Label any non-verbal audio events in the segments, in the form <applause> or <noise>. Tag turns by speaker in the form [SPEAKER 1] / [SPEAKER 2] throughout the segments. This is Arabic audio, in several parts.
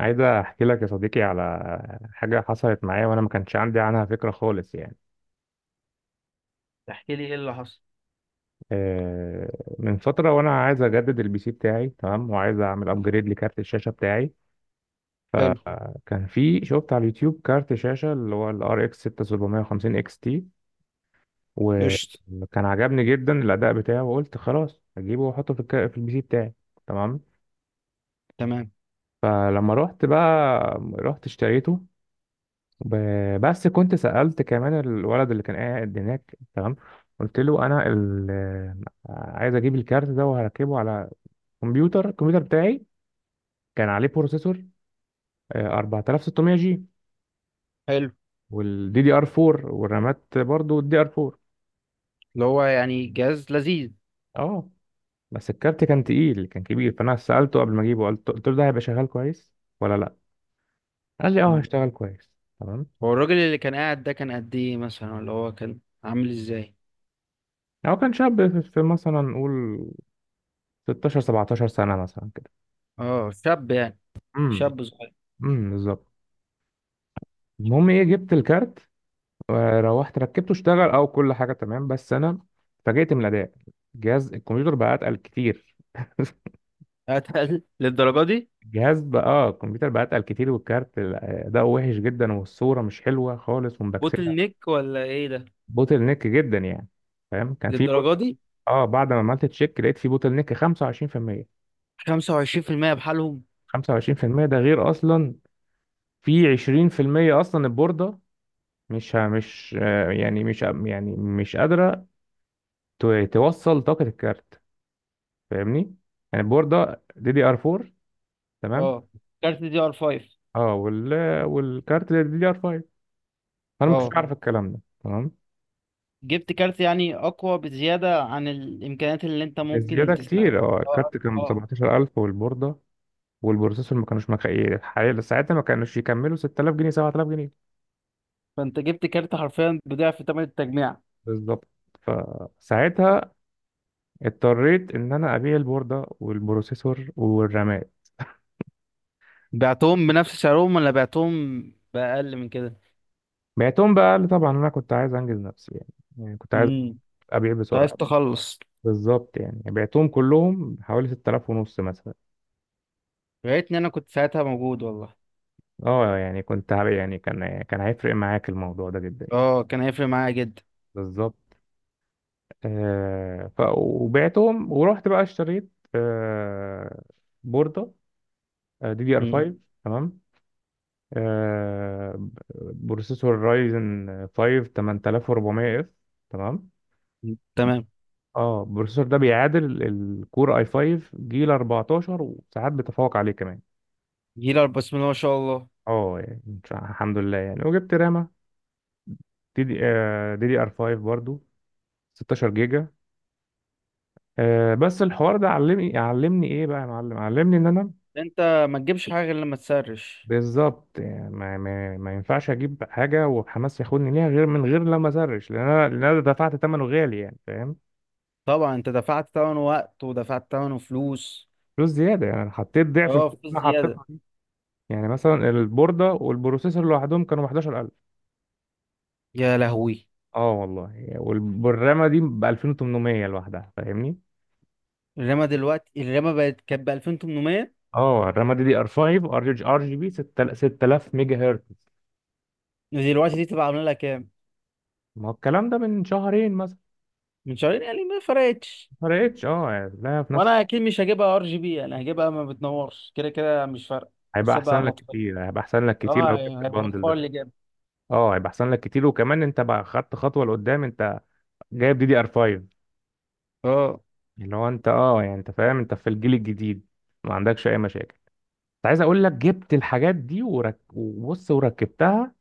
[SPEAKER 1] عايز احكي لك يا صديقي على حاجه حصلت معايا وانا ما كانش عندي عنها فكره خالص يعني.
[SPEAKER 2] تحكي لي ايه اللي حصل؟
[SPEAKER 1] آه، من فتره وانا عايز اجدد البي سي بتاعي، تمام. وعايز اعمل ابجريد لكارت الشاشه بتاعي،
[SPEAKER 2] حلو.
[SPEAKER 1] فكان في، شفت على اليوتيوب كارت شاشه اللي هو الار اكس 6750 اكس تي،
[SPEAKER 2] قشطة.
[SPEAKER 1] وكان عجبني جدا الاداء بتاعه. وقلت خلاص اجيبه واحطه في البي سي بتاعي، تمام.
[SPEAKER 2] تمام.
[SPEAKER 1] فلما رحت بقى، رحت اشتريته، بس كنت سألت كمان الولد اللي كان قاعد هناك، تمام. قلت له انا عايز اجيب الكارت ده وهركبه على الكمبيوتر بتاعي. كان عليه بروسيسور، 4600 جي،
[SPEAKER 2] حلو.
[SPEAKER 1] والدي دي ار 4، والرامات برضو الدي ار 4.
[SPEAKER 2] اللي هو يعني جهاز لذيذ.
[SPEAKER 1] اه، بس الكارت كان تقيل، كان كبير. فانا سألته قبل ما اجيبه، قلت له ده هيبقى شغال كويس ولا لا؟ قال لي اه،
[SPEAKER 2] مم.
[SPEAKER 1] هيشتغل كويس، تمام.
[SPEAKER 2] هو الراجل اللي كان قاعد ده كان قد ايه مثلا، ولا هو كان عامل ازاي؟
[SPEAKER 1] هو كان شاب، في مثلا نقول 16 17 سنة مثلا كده.
[SPEAKER 2] اه، شاب يعني.
[SPEAKER 1] امم
[SPEAKER 2] شاب صغير.
[SPEAKER 1] بالظبط. المهم ايه، جبت الكارت وروحت ركبته، اشتغل او كل حاجه تمام، بس انا اتفاجئت من الاداء. الكمبيوتر بقى اتقل كتير.
[SPEAKER 2] اتقل <laughs> للدرجة دي؟
[SPEAKER 1] <laughs> الجهاز بقى اه الكمبيوتر بقى اتقل كتير، والكارت اداؤه وحش جدا، والصوره مش حلوه خالص ومبكسله.
[SPEAKER 2] بوتل نيك ولا ايه ده؟
[SPEAKER 1] بوتل نيك جدا يعني، فاهم؟
[SPEAKER 2] للدرجة دي؟
[SPEAKER 1] اه، بعد ما عملت تشيك لقيت في بوتل نيك 25%.
[SPEAKER 2] 25% بحالهم؟
[SPEAKER 1] 25% ده غير اصلا، في 20% اصلا البورده مش ه- مش آه، يعني مش قادره توصل طاقه الكارت، فاهمني؟ يعني البورده دي دي ار 4، تمام.
[SPEAKER 2] اه، كارت دي ار 5.
[SPEAKER 1] اه وال والكارت دي دي ار 5، فانا ما كنتش
[SPEAKER 2] اه،
[SPEAKER 1] اعرف الكلام ده، تمام.
[SPEAKER 2] جبت كارت يعني اقوى بزيادة عن الامكانيات اللي انت ممكن
[SPEAKER 1] الزياده
[SPEAKER 2] تستخدمها.
[SPEAKER 1] كتير، اه.
[SPEAKER 2] اه
[SPEAKER 1] الكارت كان
[SPEAKER 2] اه
[SPEAKER 1] ب
[SPEAKER 2] آه.
[SPEAKER 1] 17000، والبورده والبروسيسور ما كانوش مكفيين، حاليا ساعتها ما كانوش يكملوا 6000 جنيه 7000 جنيه.
[SPEAKER 2] فانت جبت كارت حرفيا بضعف ثمن التجميع.
[SPEAKER 1] بالظبط. فساعتها اضطريت ان انا ابيع البورده والبروسيسور والرامات.
[SPEAKER 2] بعتهم بنفس سعرهم، ولا بعتهم بأقل من كده؟
[SPEAKER 1] بعتهم بقى لي طبعا، انا كنت عايز انجز نفسي يعني، يعني كنت عايز
[SPEAKER 2] امم.
[SPEAKER 1] ابيع
[SPEAKER 2] انت عايز
[SPEAKER 1] بسرعه.
[SPEAKER 2] تخلص.
[SPEAKER 1] بالظبط. يعني بعتهم كلهم حوالي 6000 ونص مثلا.
[SPEAKER 2] يا ريتني انا كنت ساعتها موجود والله.
[SPEAKER 1] اه، يعني يعني كان هيفرق معاك الموضوع ده جدا يعني.
[SPEAKER 2] اه، كان هيفرق معايا جدا.
[SPEAKER 1] بالظبط. آه ف وبعتهم ورحت بقى اشتريت، بوردة دي دي ار
[SPEAKER 2] مم.
[SPEAKER 1] 5، تمام. بروسيسور رايزن 5 8400 اف، تمام.
[SPEAKER 2] تمام.
[SPEAKER 1] اه، البروسيسور ده بيعادل الكور اي 5 جيل 14، وساعات بيتفوق عليه كمان.
[SPEAKER 2] جيلر، بسم الله ما شاء الله.
[SPEAKER 1] اه يعني الحمد لله يعني. وجبت رامة دي دي دي ار 5 برضو، 16 جيجا. بس الحوار ده علمني، علمني ايه بقى يا معلم، علمني ان انا،
[SPEAKER 2] انت ما تجيبش حاجه غير لما تسرش.
[SPEAKER 1] بالظبط، يعني ما ينفعش اجيب حاجه وحماس ياخدني ليها غير من غير لما اسرش. لان انا دفعت ثمنه غالي يعني، فاهم؟
[SPEAKER 2] طبعا انت دفعت ثمن وقت ودفعت ثمن فلوس.
[SPEAKER 1] فلوس زياده يعني، انا حطيت ضعف الفلوس
[SPEAKER 2] اه، فلوس
[SPEAKER 1] اللي انا
[SPEAKER 2] زياده.
[SPEAKER 1] حطيتها دي. يعني مثلا البورده والبروسيسور لوحدهم كانوا ب 11000،
[SPEAKER 2] يا لهوي.
[SPEAKER 1] اه والله. والرامه دي ب 2800 لوحدها، فاهمني؟
[SPEAKER 2] الرما دلوقتي، الرما بقت كانت ب 2800؟
[SPEAKER 1] اه، الرامه دي دي ار 5، ار جي بي 6000 ميجا هرتز.
[SPEAKER 2] ودلوقتي دي تبقى عامله لها كام؟
[SPEAKER 1] ما هو الكلام ده من شهرين مثلا.
[SPEAKER 2] من شهرين يعني ما فرقتش.
[SPEAKER 1] ما فرقتش اه، يعني لا، في نفس.
[SPEAKER 2] وانا اكيد مش هجيبها ار جي بي، انا هجيبها ما بتنورش كده كده مش فارقه.
[SPEAKER 1] هيبقى
[SPEAKER 2] هسيبها
[SPEAKER 1] احسن لك
[SPEAKER 2] مطفيه.
[SPEAKER 1] كتير، هيبقى احسن لك كتير لو
[SPEAKER 2] اه
[SPEAKER 1] جبت
[SPEAKER 2] يعني
[SPEAKER 1] الباندل
[SPEAKER 2] هيوفر
[SPEAKER 1] ده.
[SPEAKER 2] لي جامد.
[SPEAKER 1] اه، هيبقى احسن لك كتير. وكمان انت بقى خدت خطوه لقدام، انت جايب دي دي ار 5،
[SPEAKER 2] اه،
[SPEAKER 1] اللي هو انت اه، يعني انت فاهم، انت في الجيل الجديد ما عندكش اي مشاكل. كنت عايز اقول لك، جبت الحاجات دي وبص وركبتها،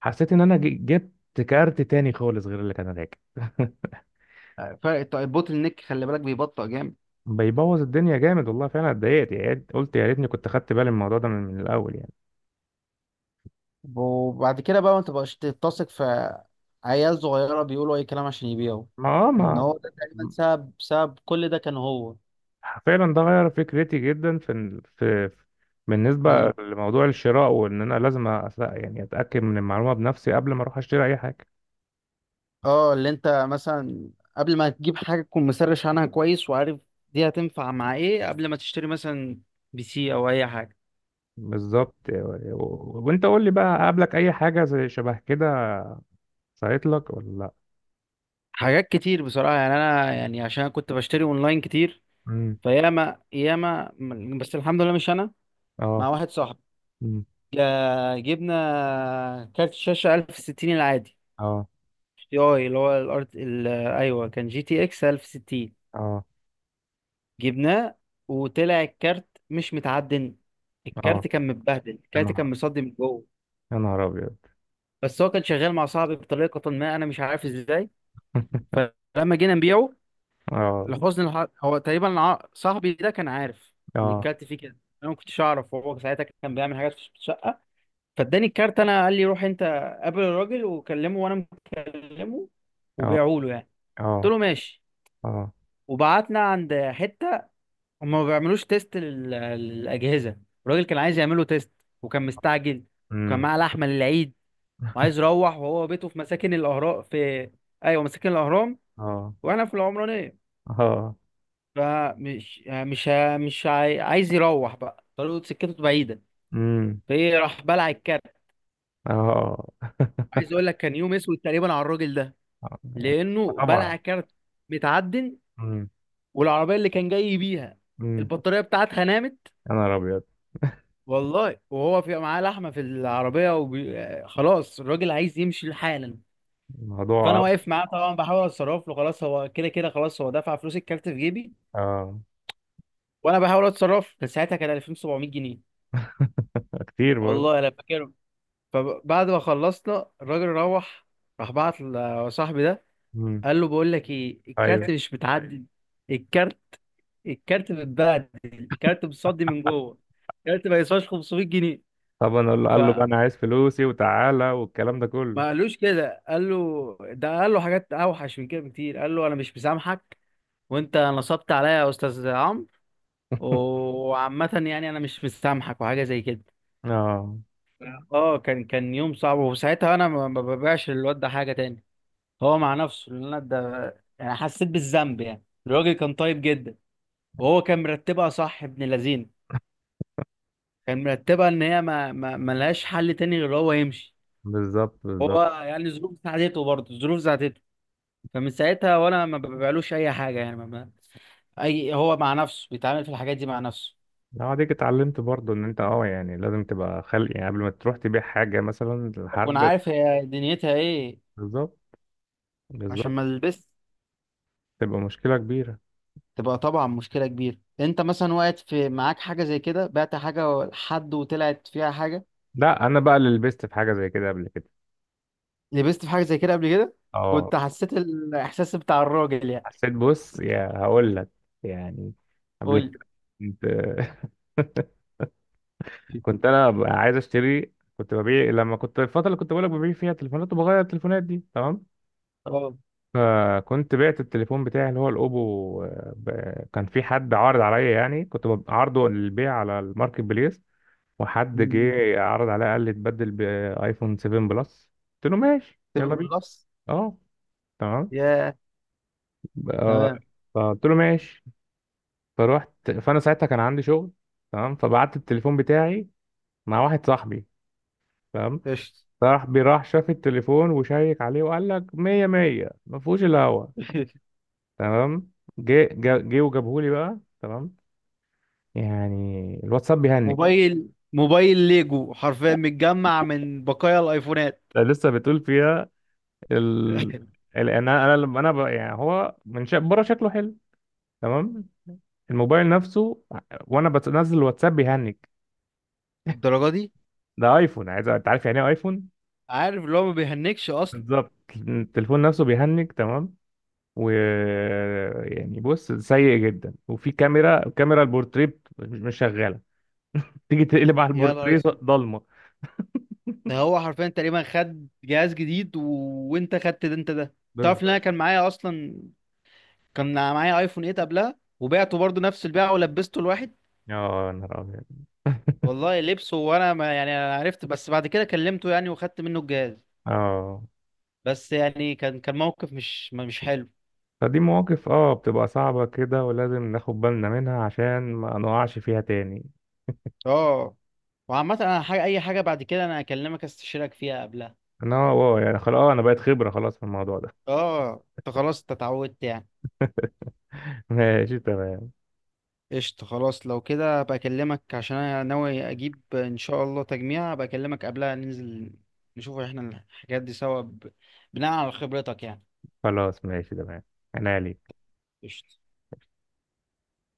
[SPEAKER 1] حسيت ان انا جبت كارت تاني خالص غير اللي كان راكب. <laughs>
[SPEAKER 2] فرق البوتل نيك خلي بالك بيبطئ جامد.
[SPEAKER 1] بيبوظ الدنيا جامد والله، فعلا اتضايقت. قلت يا ريتني كنت خدت بالي من الموضوع ده من الاول يعني.
[SPEAKER 2] وبعد كده بقى ما تبقاش تتسق في عيال صغيره بيقولوا اي كلام عشان يبيعوا.
[SPEAKER 1] ما اه
[SPEAKER 2] لان
[SPEAKER 1] ما
[SPEAKER 2] هو ده تقريبا سبب سبب كل ده كان هو.
[SPEAKER 1] فعلا ده غير فكرتي جدا في، بالنسبة
[SPEAKER 2] اللي انت
[SPEAKER 1] لموضوع الشراء، وإن أنا لازم يعني أتأكد من المعلومة بنفسي قبل ما أروح أشتري أي حاجة.
[SPEAKER 2] اه اللي انت مثلا قبل ما تجيب حاجه تكون مسرش عنها كويس وعارف دي هتنفع مع ايه قبل ما تشتري مثلا بي سي او اي حاجه.
[SPEAKER 1] بالظبط. وأنت قول لي بقى، قابلك أي حاجة زي شبه كده، صارت لك ولا لأ؟
[SPEAKER 2] حاجات كتير بصراحة، يعني أنا يعني عشان كنت بشتري أونلاين كتير.
[SPEAKER 1] مم.
[SPEAKER 2] فياما ياما. بس الحمد لله مش أنا،
[SPEAKER 1] أه.
[SPEAKER 2] مع واحد صاحبي.
[SPEAKER 1] مم.
[SPEAKER 2] جبنا كارت شاشة 1060 العادي،
[SPEAKER 1] أه،
[SPEAKER 2] تي أي. اللي هو الأرت أيوه، كان جي تي إكس 1060.
[SPEAKER 1] أه،
[SPEAKER 2] جبناه، وطلع الكارت مش متعدل.
[SPEAKER 1] أه.
[SPEAKER 2] الكارت كان متبهدل،
[SPEAKER 1] يا
[SPEAKER 2] الكارت
[SPEAKER 1] نهار
[SPEAKER 2] كان مصدي من جوه.
[SPEAKER 1] يا نهار أبيض.
[SPEAKER 2] بس هو كان شغال مع صاحبي بطريقة ما أنا مش عارف إزاي.
[SPEAKER 1] <laughs>
[SPEAKER 2] فلما جينا نبيعه،
[SPEAKER 1] أه،
[SPEAKER 2] لحسن الحظ هو تقريبا صاحبي ده كان عارف ان
[SPEAKER 1] أه،
[SPEAKER 2] الكارت فيه كده. انا ما كنتش اعرف، وهو ساعتها كان بيعمل حاجات في الشقه. فاداني الكارت انا، قال لي روح انت قابل الراجل وكلمه، وانا مكلمه،
[SPEAKER 1] أه،
[SPEAKER 2] وبيعوا له يعني. قلت
[SPEAKER 1] أه،
[SPEAKER 2] له ماشي.
[SPEAKER 1] أه.
[SPEAKER 2] وبعتنا عند حته هم ما بيعملوش تيست للاجهزه. الراجل كان عايز يعمله تيست، وكان مستعجل، وكان
[SPEAKER 1] مم.
[SPEAKER 2] معاه لحمه للعيد وعايز يروح، وهو بيته في مساكن الاهرام في، ايوه، مساكن الاهرام.
[SPEAKER 1] أه،
[SPEAKER 2] واحنا في العمرانيه.
[SPEAKER 1] أه.
[SPEAKER 2] فمش يعني مش ه- مش عاي- عايز يروح، بقى طريقه سكته بعيده.
[SPEAKER 1] مم.
[SPEAKER 2] فايه، راح بلع الكارت.
[SPEAKER 1] أه. <laughs>
[SPEAKER 2] عايز اقول لك كان يوم اسود تقريبا على الراجل ده.
[SPEAKER 1] آه. يعني،
[SPEAKER 2] لانه
[SPEAKER 1] طبعا.
[SPEAKER 2] بلع كارت متعدن، والعربيه اللي كان جاي بيها
[SPEAKER 1] مم.
[SPEAKER 2] البطاريه بتاعتها نامت.
[SPEAKER 1] يا نهار ابيض.
[SPEAKER 2] والله، وهو في معاه لحمه في العربيه وبي... آه، خلاص الراجل عايز يمشي حالا. فانا
[SPEAKER 1] الموضوع،
[SPEAKER 2] واقف معاه طبعا بحاول اتصرف له. خلاص هو كده كده، خلاص هو دفع فلوس الكارت في جيبي
[SPEAKER 1] اه،
[SPEAKER 2] وانا بحاول اتصرف له. كان ساعتها كان 2700 جنيه،
[SPEAKER 1] كتير برضه.
[SPEAKER 2] والله انا فاكر. فبعد ما خلصنا الراجل روح، راح بعت لصاحبي ده
[SPEAKER 1] مم.
[SPEAKER 2] قال له بقول لك ايه،
[SPEAKER 1] ايوه.
[SPEAKER 2] الكارت مش متعدل. الكارت الكارت متبهدل، الكارت متصدي من جوه. الكارت ما يسواش 500 جنيه.
[SPEAKER 1] طبعا. قال له بقى،
[SPEAKER 2] فما
[SPEAKER 1] انا عايز فلوسي وتعالى والكلام ده كله.
[SPEAKER 2] قالوش كده. قال له ده، قال له حاجات اوحش من كده بكتير، قال له انا مش مسامحك، وانت نصبت عليا يا استاذ عمرو.
[SPEAKER 1] <laughs>
[SPEAKER 2] وعامة يعني انا مش مسامحك وحاجه زي كده.
[SPEAKER 1] اه،
[SPEAKER 2] اه، كان يوم صعب. وساعتها انا ما ببيعش للواد ده حاجه تاني. هو مع نفسه، لان انا ده يعني حسيت بالذنب. يعني الراجل كان طيب جدا، وهو كان مرتبها صح ابن لذينه. كان مرتبها ان هي ما لهاش حل تاني غير هو يمشي.
[SPEAKER 1] بالظبط،
[SPEAKER 2] هو
[SPEAKER 1] بالظبط.
[SPEAKER 2] يعني الظروف ساعدته، برضه الظروف ساعدته. فمن ساعتها وانا ما ببيعلوش اي حاجه يعني ما ما اي، هو مع نفسه بيتعامل في الحاجات دي مع نفسه.
[SPEAKER 1] لو عليك اتعلمت برضه ان انت اه، يعني لازم تبقى خلق يعني قبل ما تروح تبيع حاجه مثلا
[SPEAKER 2] اكون
[SPEAKER 1] لحد.
[SPEAKER 2] عارف هي دنيتها ايه
[SPEAKER 1] بالظبط،
[SPEAKER 2] عشان
[SPEAKER 1] بالظبط.
[SPEAKER 2] ما البس.
[SPEAKER 1] تبقى مشكله كبيره.
[SPEAKER 2] تبقى طبعا مشكله كبيره. انت مثلا وقعت في معاك حاجه زي كده، بعت حاجه لحد وطلعت فيها حاجه.
[SPEAKER 1] لا، انا بقى اللي لبست في حاجه زي كده قبل كده.
[SPEAKER 2] لبست في حاجه زي كده قبل كده.
[SPEAKER 1] اه،
[SPEAKER 2] كنت حسيت الاحساس بتاع الراجل يعني.
[SPEAKER 1] حسيت. بص يا، هقول لك يعني. قبل
[SPEAKER 2] قول
[SPEAKER 1] كده كنت، <laughs>
[SPEAKER 2] لي.
[SPEAKER 1] كنت انا عايز اشتري، كنت ببيع لما كنت، الفتره اللي كنت بقولك ببيع فيها تليفونات وبغير التليفونات دي، تمام.
[SPEAKER 2] اه.
[SPEAKER 1] فكنت بعت التليفون بتاعي اللي هو الاوبو، كان في حد عارض عليا يعني، كنت عارضه للبيع على الماركت بليس. وحد
[SPEAKER 2] مم.
[SPEAKER 1] جه عرض عليا، قال لي اتبدل بايفون 7 بلس. قلت له ماشي يلا
[SPEAKER 2] تمام
[SPEAKER 1] بينا.
[SPEAKER 2] بلس.
[SPEAKER 1] اه، تمام.
[SPEAKER 2] يا.
[SPEAKER 1] ب- آه،
[SPEAKER 2] تمام.
[SPEAKER 1] فقلت له ماشي. فروحت، فانا ساعتها كان عندي شغل، تمام. فبعت التليفون بتاعي مع واحد صاحبي، تمام.
[SPEAKER 2] قشطة.
[SPEAKER 1] بيراح شاف التليفون وشيك عليه وقال لك مية مية، ما فيهوش الا هوا،
[SPEAKER 2] <laughs>
[SPEAKER 1] تمام. جه وجابهولي بقى، تمام. يعني الواتساب بيهنج.
[SPEAKER 2] موبايل ليجو حرفيا متجمع من بقايا الايفونات.
[SPEAKER 1] ده لسه بتقول فيها، ال...
[SPEAKER 2] <laughs>
[SPEAKER 1] انا لما انا يعني هو بره شكله حلو، تمام. الموبايل نفسه، وانا بنزل الواتساب بيهنج.
[SPEAKER 2] الدرجه دي؟
[SPEAKER 1] ده ايفون، عايز، انت عارف يعني ايه ايفون.
[SPEAKER 2] عارف اللي هو ما بيهنكش اصلا.
[SPEAKER 1] بالظبط. التليفون نفسه بيهنج، تمام. و يعني بص، سيء جدا. وفي كاميرا، البورتريه مش شغاله. تيجي تقلب على
[SPEAKER 2] يا نهار
[SPEAKER 1] البورتريه،
[SPEAKER 2] اسود.
[SPEAKER 1] ضلمه.
[SPEAKER 2] ده هو حرفيا تقريبا خد جهاز جديد وانت خدت ده، انت ده تعرف ان انا
[SPEAKER 1] بالظبط.
[SPEAKER 2] كان معايا اصلا. كان معايا ايفون 8 قبلها، وبعته برضه نفس البيعه ولبسته.
[SPEAKER 1] اه، يا نهار ابيض.
[SPEAKER 2] والله لبسه، وانا ما، يعني انا عرفت بس بعد كده كلمته يعني وخدت منه الجهاز.
[SPEAKER 1] اه،
[SPEAKER 2] بس يعني كان موقف مش حلو.
[SPEAKER 1] فدي مواقف بتبقى صعبة كده، ولازم ناخد بالنا منها عشان ما نقعش فيها تاني.
[SPEAKER 2] اه. وعامة انا حاجة، اي حاجة بعد كده انا اكلمك استشيرك فيها قبلها.
[SPEAKER 1] انا اه، يعني خلاص، انا بقيت خبرة خلاص في الموضوع ده.
[SPEAKER 2] اه، انت خلاص، انت اتعودت يعني.
[SPEAKER 1] <laughs> ماشي، تمام.
[SPEAKER 2] قشطة. خلاص، لو كده هبقى اكلمك عشان انا ناوي اجيب ان شاء الله تجميع، هبقى اكلمك قبلها ننزل نشوف احنا الحاجات دي سوا بناء على خبرتك يعني.
[SPEAKER 1] خلاص، ماشي، تمام. انا ليك.
[SPEAKER 2] قشطة.